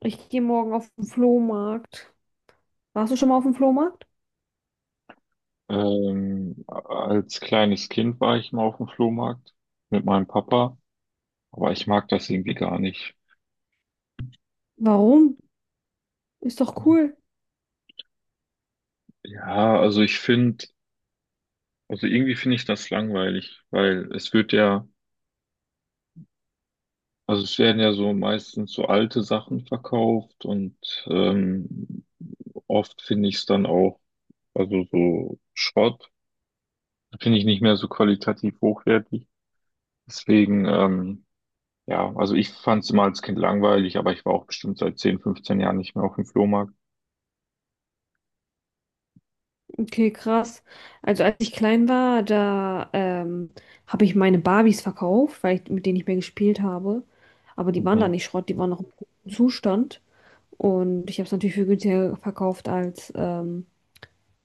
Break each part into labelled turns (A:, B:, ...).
A: Ich gehe morgen auf den Flohmarkt. Warst du schon mal auf dem Flohmarkt?
B: Als kleines Kind war ich mal auf dem Flohmarkt mit meinem Papa, aber ich mag das irgendwie gar nicht.
A: Warum? Ist doch cool.
B: Ja, also ich finde, also irgendwie finde ich das langweilig, weil es wird ja, also es werden ja so meistens so alte Sachen verkauft und ähm, oft finde ich es dann auch, also so Schrott, finde ich nicht mehr so qualitativ hochwertig. Deswegen, ja, also ich fand es immer als Kind langweilig, aber ich war auch bestimmt seit 10, 15 Jahren nicht mehr auf dem Flohmarkt.
A: Okay, krass. Also als ich klein war, da habe ich meine Barbies verkauft, mit denen ich mehr gespielt habe. Aber die waren da
B: Mhm,
A: nicht Schrott, die waren noch im guten Zustand. Und ich habe es natürlich für günstiger verkauft, als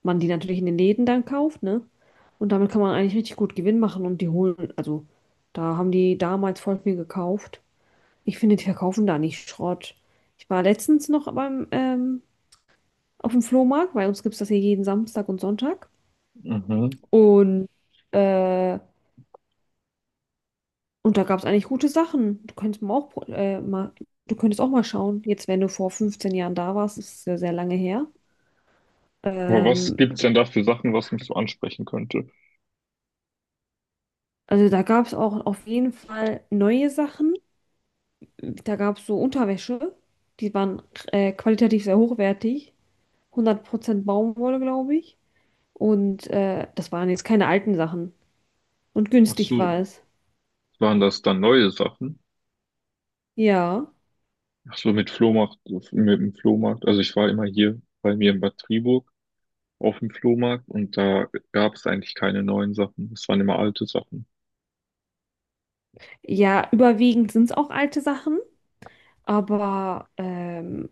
A: man die natürlich in den Läden dann kauft, ne? Und damit kann man eigentlich richtig gut Gewinn machen und die holen, also da haben die damals voll viel gekauft. Ich finde, die verkaufen da nicht Schrott. Ich war letztens noch auf dem Flohmarkt, bei uns gibt es das hier jeden Samstag und Sonntag.
B: mhm.
A: Und, äh, und da gab es eigentlich gute Sachen. Du könntest auch mal schauen, jetzt wenn du vor 15 Jahren da warst, das ist ja sehr lange her.
B: Aber was
A: Ähm,
B: gibt's denn da für Sachen, was mich so ansprechen könnte?
A: also da gab es auch auf jeden Fall neue Sachen. Da gab es so Unterwäsche, die waren qualitativ sehr hochwertig. 100% Baumwolle, glaube ich. Und das waren jetzt keine alten Sachen. Und
B: Ach
A: günstig
B: so,
A: war es.
B: waren das dann neue Sachen?
A: Ja.
B: Ach so, mit Flohmarkt, mit dem Flohmarkt. Also ich war immer hier bei mir in Bad Triburg auf dem Flohmarkt und da gab's eigentlich keine neuen Sachen. Es waren immer alte Sachen.
A: Ja, überwiegend sind es auch alte Sachen, aber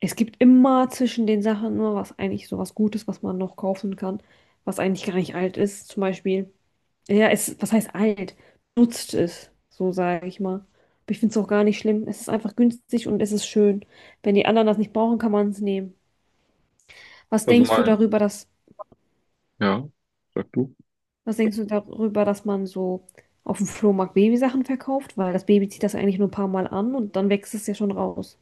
A: es gibt immer zwischen den Sachen nur was eigentlich so was Gutes, was man noch kaufen kann, was eigentlich gar nicht alt ist. Zum Beispiel, ja, es, was heißt alt? Nutzt es, so sage ich mal. Aber ich finde es auch gar nicht schlimm. Es ist einfach günstig und es ist schön. Wenn die anderen das nicht brauchen, kann man es nehmen. Was
B: Also
A: denkst du
B: mal,
A: darüber, dass
B: ja, sag du.
A: Was denkst du darüber, dass man so auf dem Flohmarkt Babysachen verkauft? Weil das Baby zieht das eigentlich nur ein paar Mal an und dann wächst es ja schon raus.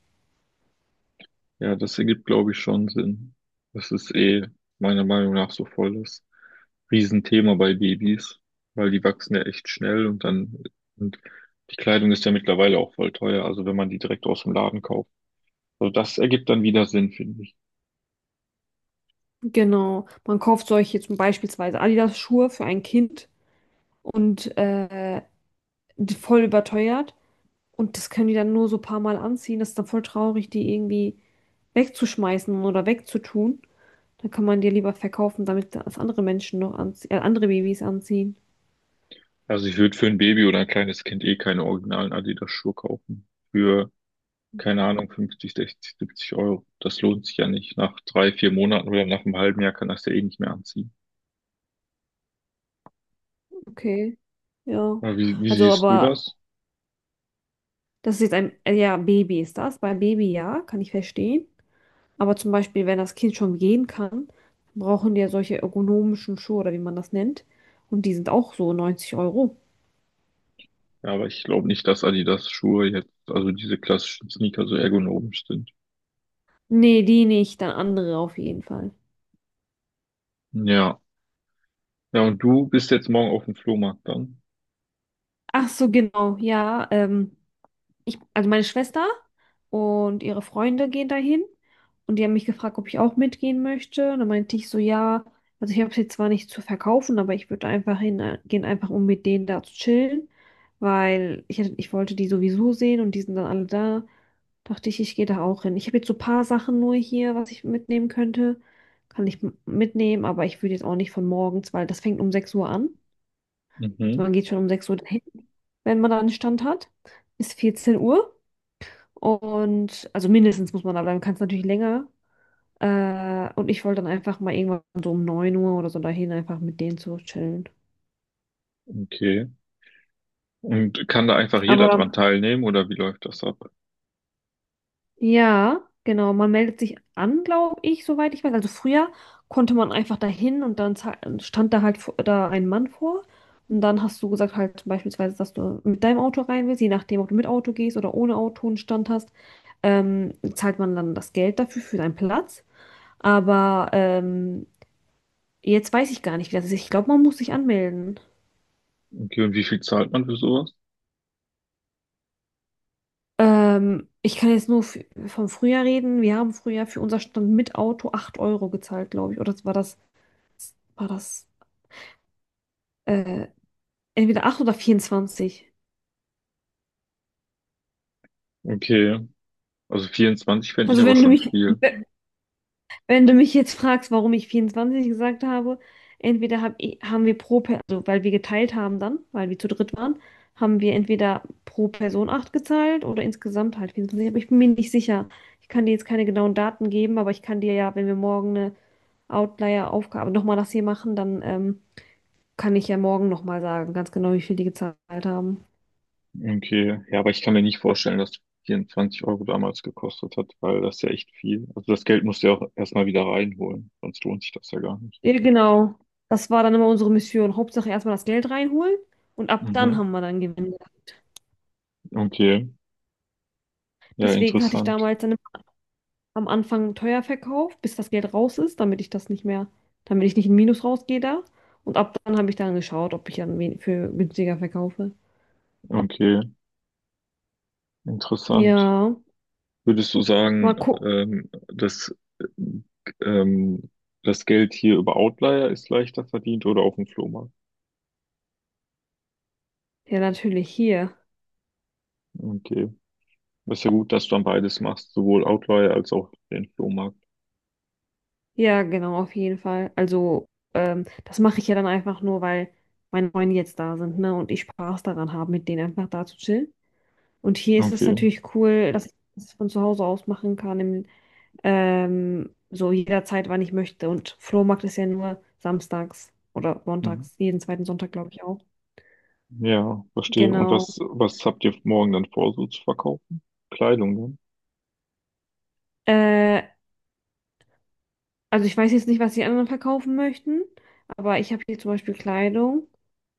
B: Ja, das ergibt, glaube ich, schon Sinn. Das ist eh meiner Meinung nach so voll das Riesenthema bei Babys, weil die wachsen ja echt schnell und dann, und die Kleidung ist ja mittlerweile auch voll teuer, also wenn man die direkt aus dem Laden kauft. Also das ergibt dann wieder Sinn, finde ich.
A: Genau. Man kauft solche zum beispielsweise Adidas-Schuhe für ein Kind und die voll überteuert. Und das können die dann nur so ein paar Mal anziehen. Das ist dann voll traurig, die irgendwie wegzuschmeißen oder wegzutun. Dann kann man die lieber verkaufen, damit das andere Menschen noch anziehen, andere Babys anziehen.
B: Also ich würde für ein Baby oder ein kleines Kind eh keine originalen Adidas-Schuhe kaufen. Für, keine Ahnung, 50, 60, 70 Euro. Das lohnt sich ja nicht. Nach drei, vier Monaten oder nach einem halben Jahr kann das ja eh nicht mehr anziehen.
A: Okay, ja.
B: Aber wie
A: Also,
B: siehst du
A: aber.
B: das?
A: Das ist jetzt ein, ja, Baby ist das. Bei Baby ja, kann ich verstehen. Aber zum Beispiel, wenn das Kind schon gehen kann, brauchen die ja solche ergonomischen Schuhe oder wie man das nennt. Und die sind auch so 90 Euro.
B: Ja, aber ich glaube nicht, dass Adidas Schuhe jetzt, also diese klassischen Sneaker so ergonomisch sind.
A: Nee, die nicht, dann andere auf jeden Fall.
B: Ja. Ja, und du bist jetzt morgen auf dem Flohmarkt dann?
A: Ach so, genau, ja. Also meine Schwester und ihre Freunde gehen dahin und die haben mich gefragt, ob ich auch mitgehen möchte. Und dann meinte ich so, ja, also ich habe es jetzt zwar nicht zu verkaufen, aber ich würde einfach hingehen, einfach um mit denen da zu chillen, ich wollte die sowieso sehen und die sind dann alle da. Dachte ich, ich gehe da auch hin. Ich habe jetzt so ein paar Sachen nur hier, was ich mitnehmen könnte. Kann ich mitnehmen, aber ich würde jetzt auch nicht von morgens, weil das fängt um 6 Uhr an. Also
B: Mhm.
A: man geht schon um 6 Uhr dahin, wenn man da einen Stand hat. Bis 14 Uhr. Und also mindestens muss man da bleiben, kann es natürlich länger. Und ich wollte dann einfach mal irgendwann so um 9 Uhr oder so dahin einfach mit denen zu chillen.
B: Okay. Und kann da einfach jeder dran
A: Aber
B: teilnehmen oder wie läuft das ab?
A: ja, genau, man meldet sich an, glaube ich, soweit ich weiß. Also früher konnte man einfach dahin und dann stand da halt da ein Mann vor. Und dann hast du gesagt halt beispielsweise, dass du mit deinem Auto rein willst, je nachdem, ob du mit Auto gehst oder ohne Auto einen Stand hast, zahlt man dann das Geld dafür für deinen Platz. Aber jetzt weiß ich gar nicht, wie das ist. Ich glaube, man muss sich anmelden.
B: Okay, und wie viel zahlt man für sowas?
A: Ich kann jetzt nur vom Frühjahr reden. Wir haben früher für unser Stand mit Auto 8 Euro gezahlt, glaube ich. Oder war das äh, entweder 8 oder 24.
B: Okay. Also 24 fände ich
A: Also
B: aber
A: wenn du
B: schon
A: mich,
B: viel.
A: wenn du mich jetzt fragst, warum ich 24 gesagt habe, haben wir pro Person, also weil wir geteilt haben dann, weil wir zu dritt waren, haben wir entweder pro Person 8 gezahlt oder insgesamt halt 24. Aber ich bin mir nicht sicher. Ich kann dir jetzt keine genauen Daten geben, aber ich kann dir ja, wenn wir morgen Outlier-Aufgabe nochmal das hier machen, dann kann ich ja morgen nochmal sagen, ganz genau, wie viel die gezahlt haben.
B: Okay. Ja, aber ich kann mir nicht vorstellen, dass 24 Euro damals gekostet hat, weil das ist ja echt viel. Also das Geld musst du ja auch erstmal wieder reinholen, sonst lohnt sich das ja gar nicht.
A: Ja, genau. Das war dann immer unsere Mission. Hauptsache erstmal das Geld reinholen und ab dann
B: Mhm.
A: haben wir dann Gewinn gehabt.
B: Okay. Ja,
A: Deswegen hatte ich
B: interessant.
A: damals dann am Anfang teuer verkauft, bis das Geld raus ist, damit ich das nicht mehr, damit ich nicht in Minus rausgehe da. Und ab dann habe ich dann geschaut, ob ich dann für günstiger verkaufe.
B: Okay. Interessant.
A: Ja,
B: Würdest du sagen,
A: mal gucken.
B: dass ähm, das Geld hier über Outlier ist leichter verdient oder auf dem Flohmarkt?
A: Ja, natürlich hier.
B: Okay. Ist ja gut, dass du dann beides machst, sowohl Outlier als auch den Flohmarkt.
A: Ja, genau, auf jeden Fall. Also, das mache ich ja dann einfach nur, weil meine Freunde jetzt da sind, ne, und ich Spaß daran habe, mit denen einfach da zu chillen. Und hier ist es
B: Okay.
A: natürlich cool, dass ich das von zu Hause aus machen kann, so jederzeit, wann ich möchte. Und Flohmarkt ist ja nur samstags oder
B: Mhm.
A: sonntags, jeden zweiten Sonntag, glaube ich auch.
B: Ja, verstehe. Und
A: Genau.
B: was habt ihr morgen dann vor, so zu verkaufen? Kleidung, ne?
A: Äh, Also ich weiß jetzt nicht, was die anderen verkaufen möchten, aber ich habe hier zum Beispiel Kleidung.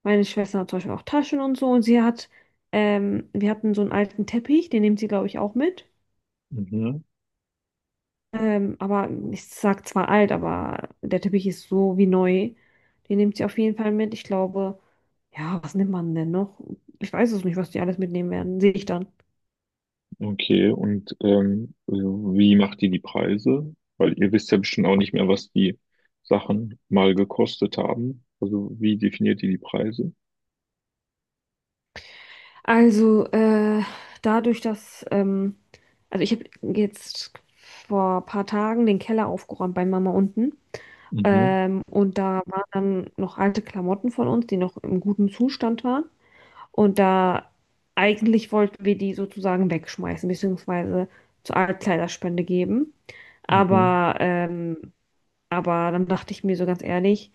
A: Meine Schwester hat zum Beispiel auch Taschen und so und wir hatten so einen alten Teppich, den nimmt sie, glaube ich, auch mit.
B: Mhm.
A: Aber ich sag zwar alt, aber der Teppich ist so wie neu. Den nimmt sie auf jeden Fall mit. Ich glaube, ja, was nimmt man denn noch? Ich weiß es nicht, was die alles mitnehmen werden. Sehe ich dann.
B: Okay, und wie macht ihr die Preise? Weil ihr wisst ja bestimmt auch nicht mehr, was die Sachen mal gekostet haben. Also wie definiert ihr die Preise?
A: Also, äh, dadurch, dass, ähm, also ich habe jetzt vor ein paar Tagen den Keller aufgeräumt bei Mama unten.
B: Mhm,
A: Und da waren dann noch alte Klamotten von uns, die noch im guten Zustand waren. Und da eigentlich wollten wir die sozusagen wegschmeißen, beziehungsweise zur Altkleiderspende geben.
B: mhm,
A: Aber, ähm, aber dann dachte ich mir so ganz ehrlich,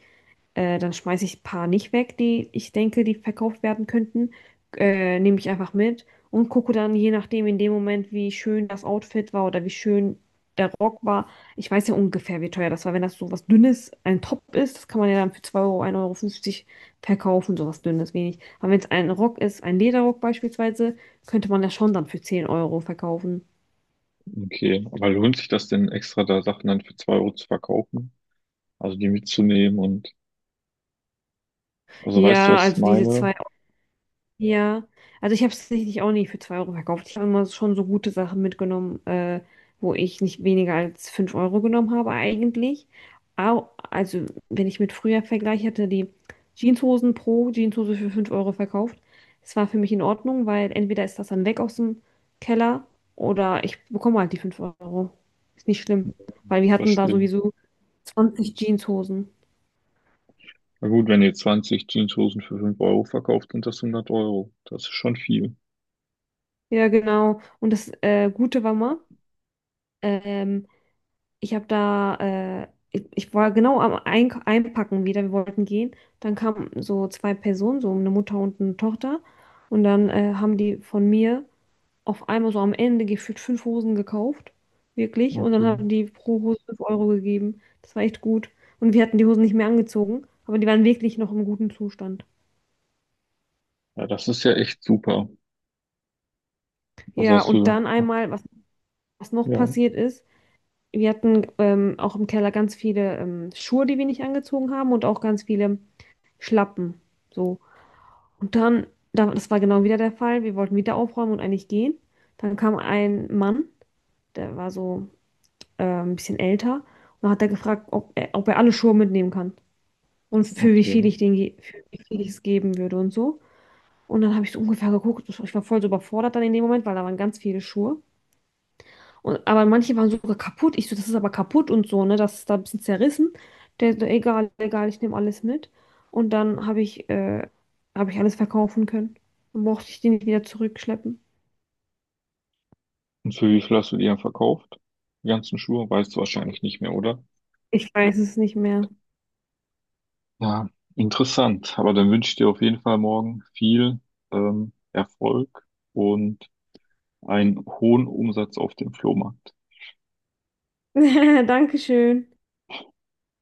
A: dann schmeiße ich ein paar nicht weg, die ich denke, die verkauft werden könnten. Nehme ich einfach mit und gucke dann, je nachdem, in dem Moment, wie schön das Outfit war oder wie schön der Rock war. Ich weiß ja ungefähr, wie teuer das war. Wenn das so was Dünnes, ein Top ist, das kann man ja dann für 2 Euro, 1,50 Euro verkaufen, so was Dünnes, wenig. Aber wenn es ein Rock ist, ein Lederrock beispielsweise, könnte man das schon dann für 10 Euro verkaufen.
B: okay. Aber lohnt sich das denn extra, da Sachen dann für 2 Euro zu verkaufen? Also die mitzunehmen also weißt du,
A: Ja,
B: was ich
A: also diese
B: meine?
A: zwei. Ja, also ich habe es tatsächlich auch nicht für 2 Euro verkauft. Ich habe immer schon so gute Sachen mitgenommen, wo ich nicht weniger als 5 Euro genommen habe eigentlich. Au, also wenn ich mit früher vergleiche, hatte die Jeanshosen pro Jeanshose für 5 Euro verkauft. Es war für mich in Ordnung, weil entweder ist das dann weg aus dem Keller oder ich bekomme halt die 5 Euro. Ist nicht schlimm, weil wir hatten da
B: Verstehe.
A: sowieso 20 Jeanshosen.
B: Na gut, wenn ihr 20 Jeanshosen für 5 Euro verkauft, sind das 100 Euro. Das ist schon viel.
A: Ja, genau. Und das Gute war mal, ähm, ich habe da, ich war genau am Eink Einpacken wieder, wir wollten gehen. Dann kamen so zwei Personen, so eine Mutter und eine Tochter. Und dann haben die von mir auf einmal so am Ende gefühlt fünf Hosen gekauft. Wirklich. Und dann
B: Okay.
A: haben die pro Hose 5 Euro gegeben. Das war echt gut. Und wir hatten die Hosen nicht mehr angezogen, aber die waren wirklich noch im guten Zustand.
B: Ja, das ist ja echt super. Also
A: Ja,
B: hast
A: und
B: du,
A: dann einmal, was noch
B: ja,
A: passiert ist, wir hatten auch im Keller ganz viele Schuhe, die wir nicht angezogen haben und auch ganz viele Schlappen. So. Und dann, das war genau wieder der Fall. Wir wollten wieder aufräumen und eigentlich gehen. Dann kam ein Mann, der war so ein bisschen älter. Und dann hat er gefragt, ob er alle Schuhe mitnehmen kann. Und für wie
B: okay.
A: viel ich für wie viel ich es geben würde und so. Und dann habe ich so ungefähr geguckt. Ich war voll so überfordert dann in dem Moment, weil da waren ganz viele Schuhe. Und, aber manche waren sogar kaputt. Ich so, das ist aber kaputt und so, ne? Das ist da ein bisschen zerrissen. Der so, egal, egal, ich nehme alles mit. Und dann habe ich alles verkaufen können. Dann brauchte ich die nicht wieder zurückschleppen.
B: Und für wie viel hast du die dann verkauft? Die ganzen Schuhe? Weißt du wahrscheinlich nicht mehr, oder?
A: Ich weiß es nicht mehr.
B: Ja, interessant. Aber dann wünsche ich dir auf jeden Fall morgen viel Erfolg und einen hohen Umsatz auf dem Flohmarkt.
A: Dankeschön.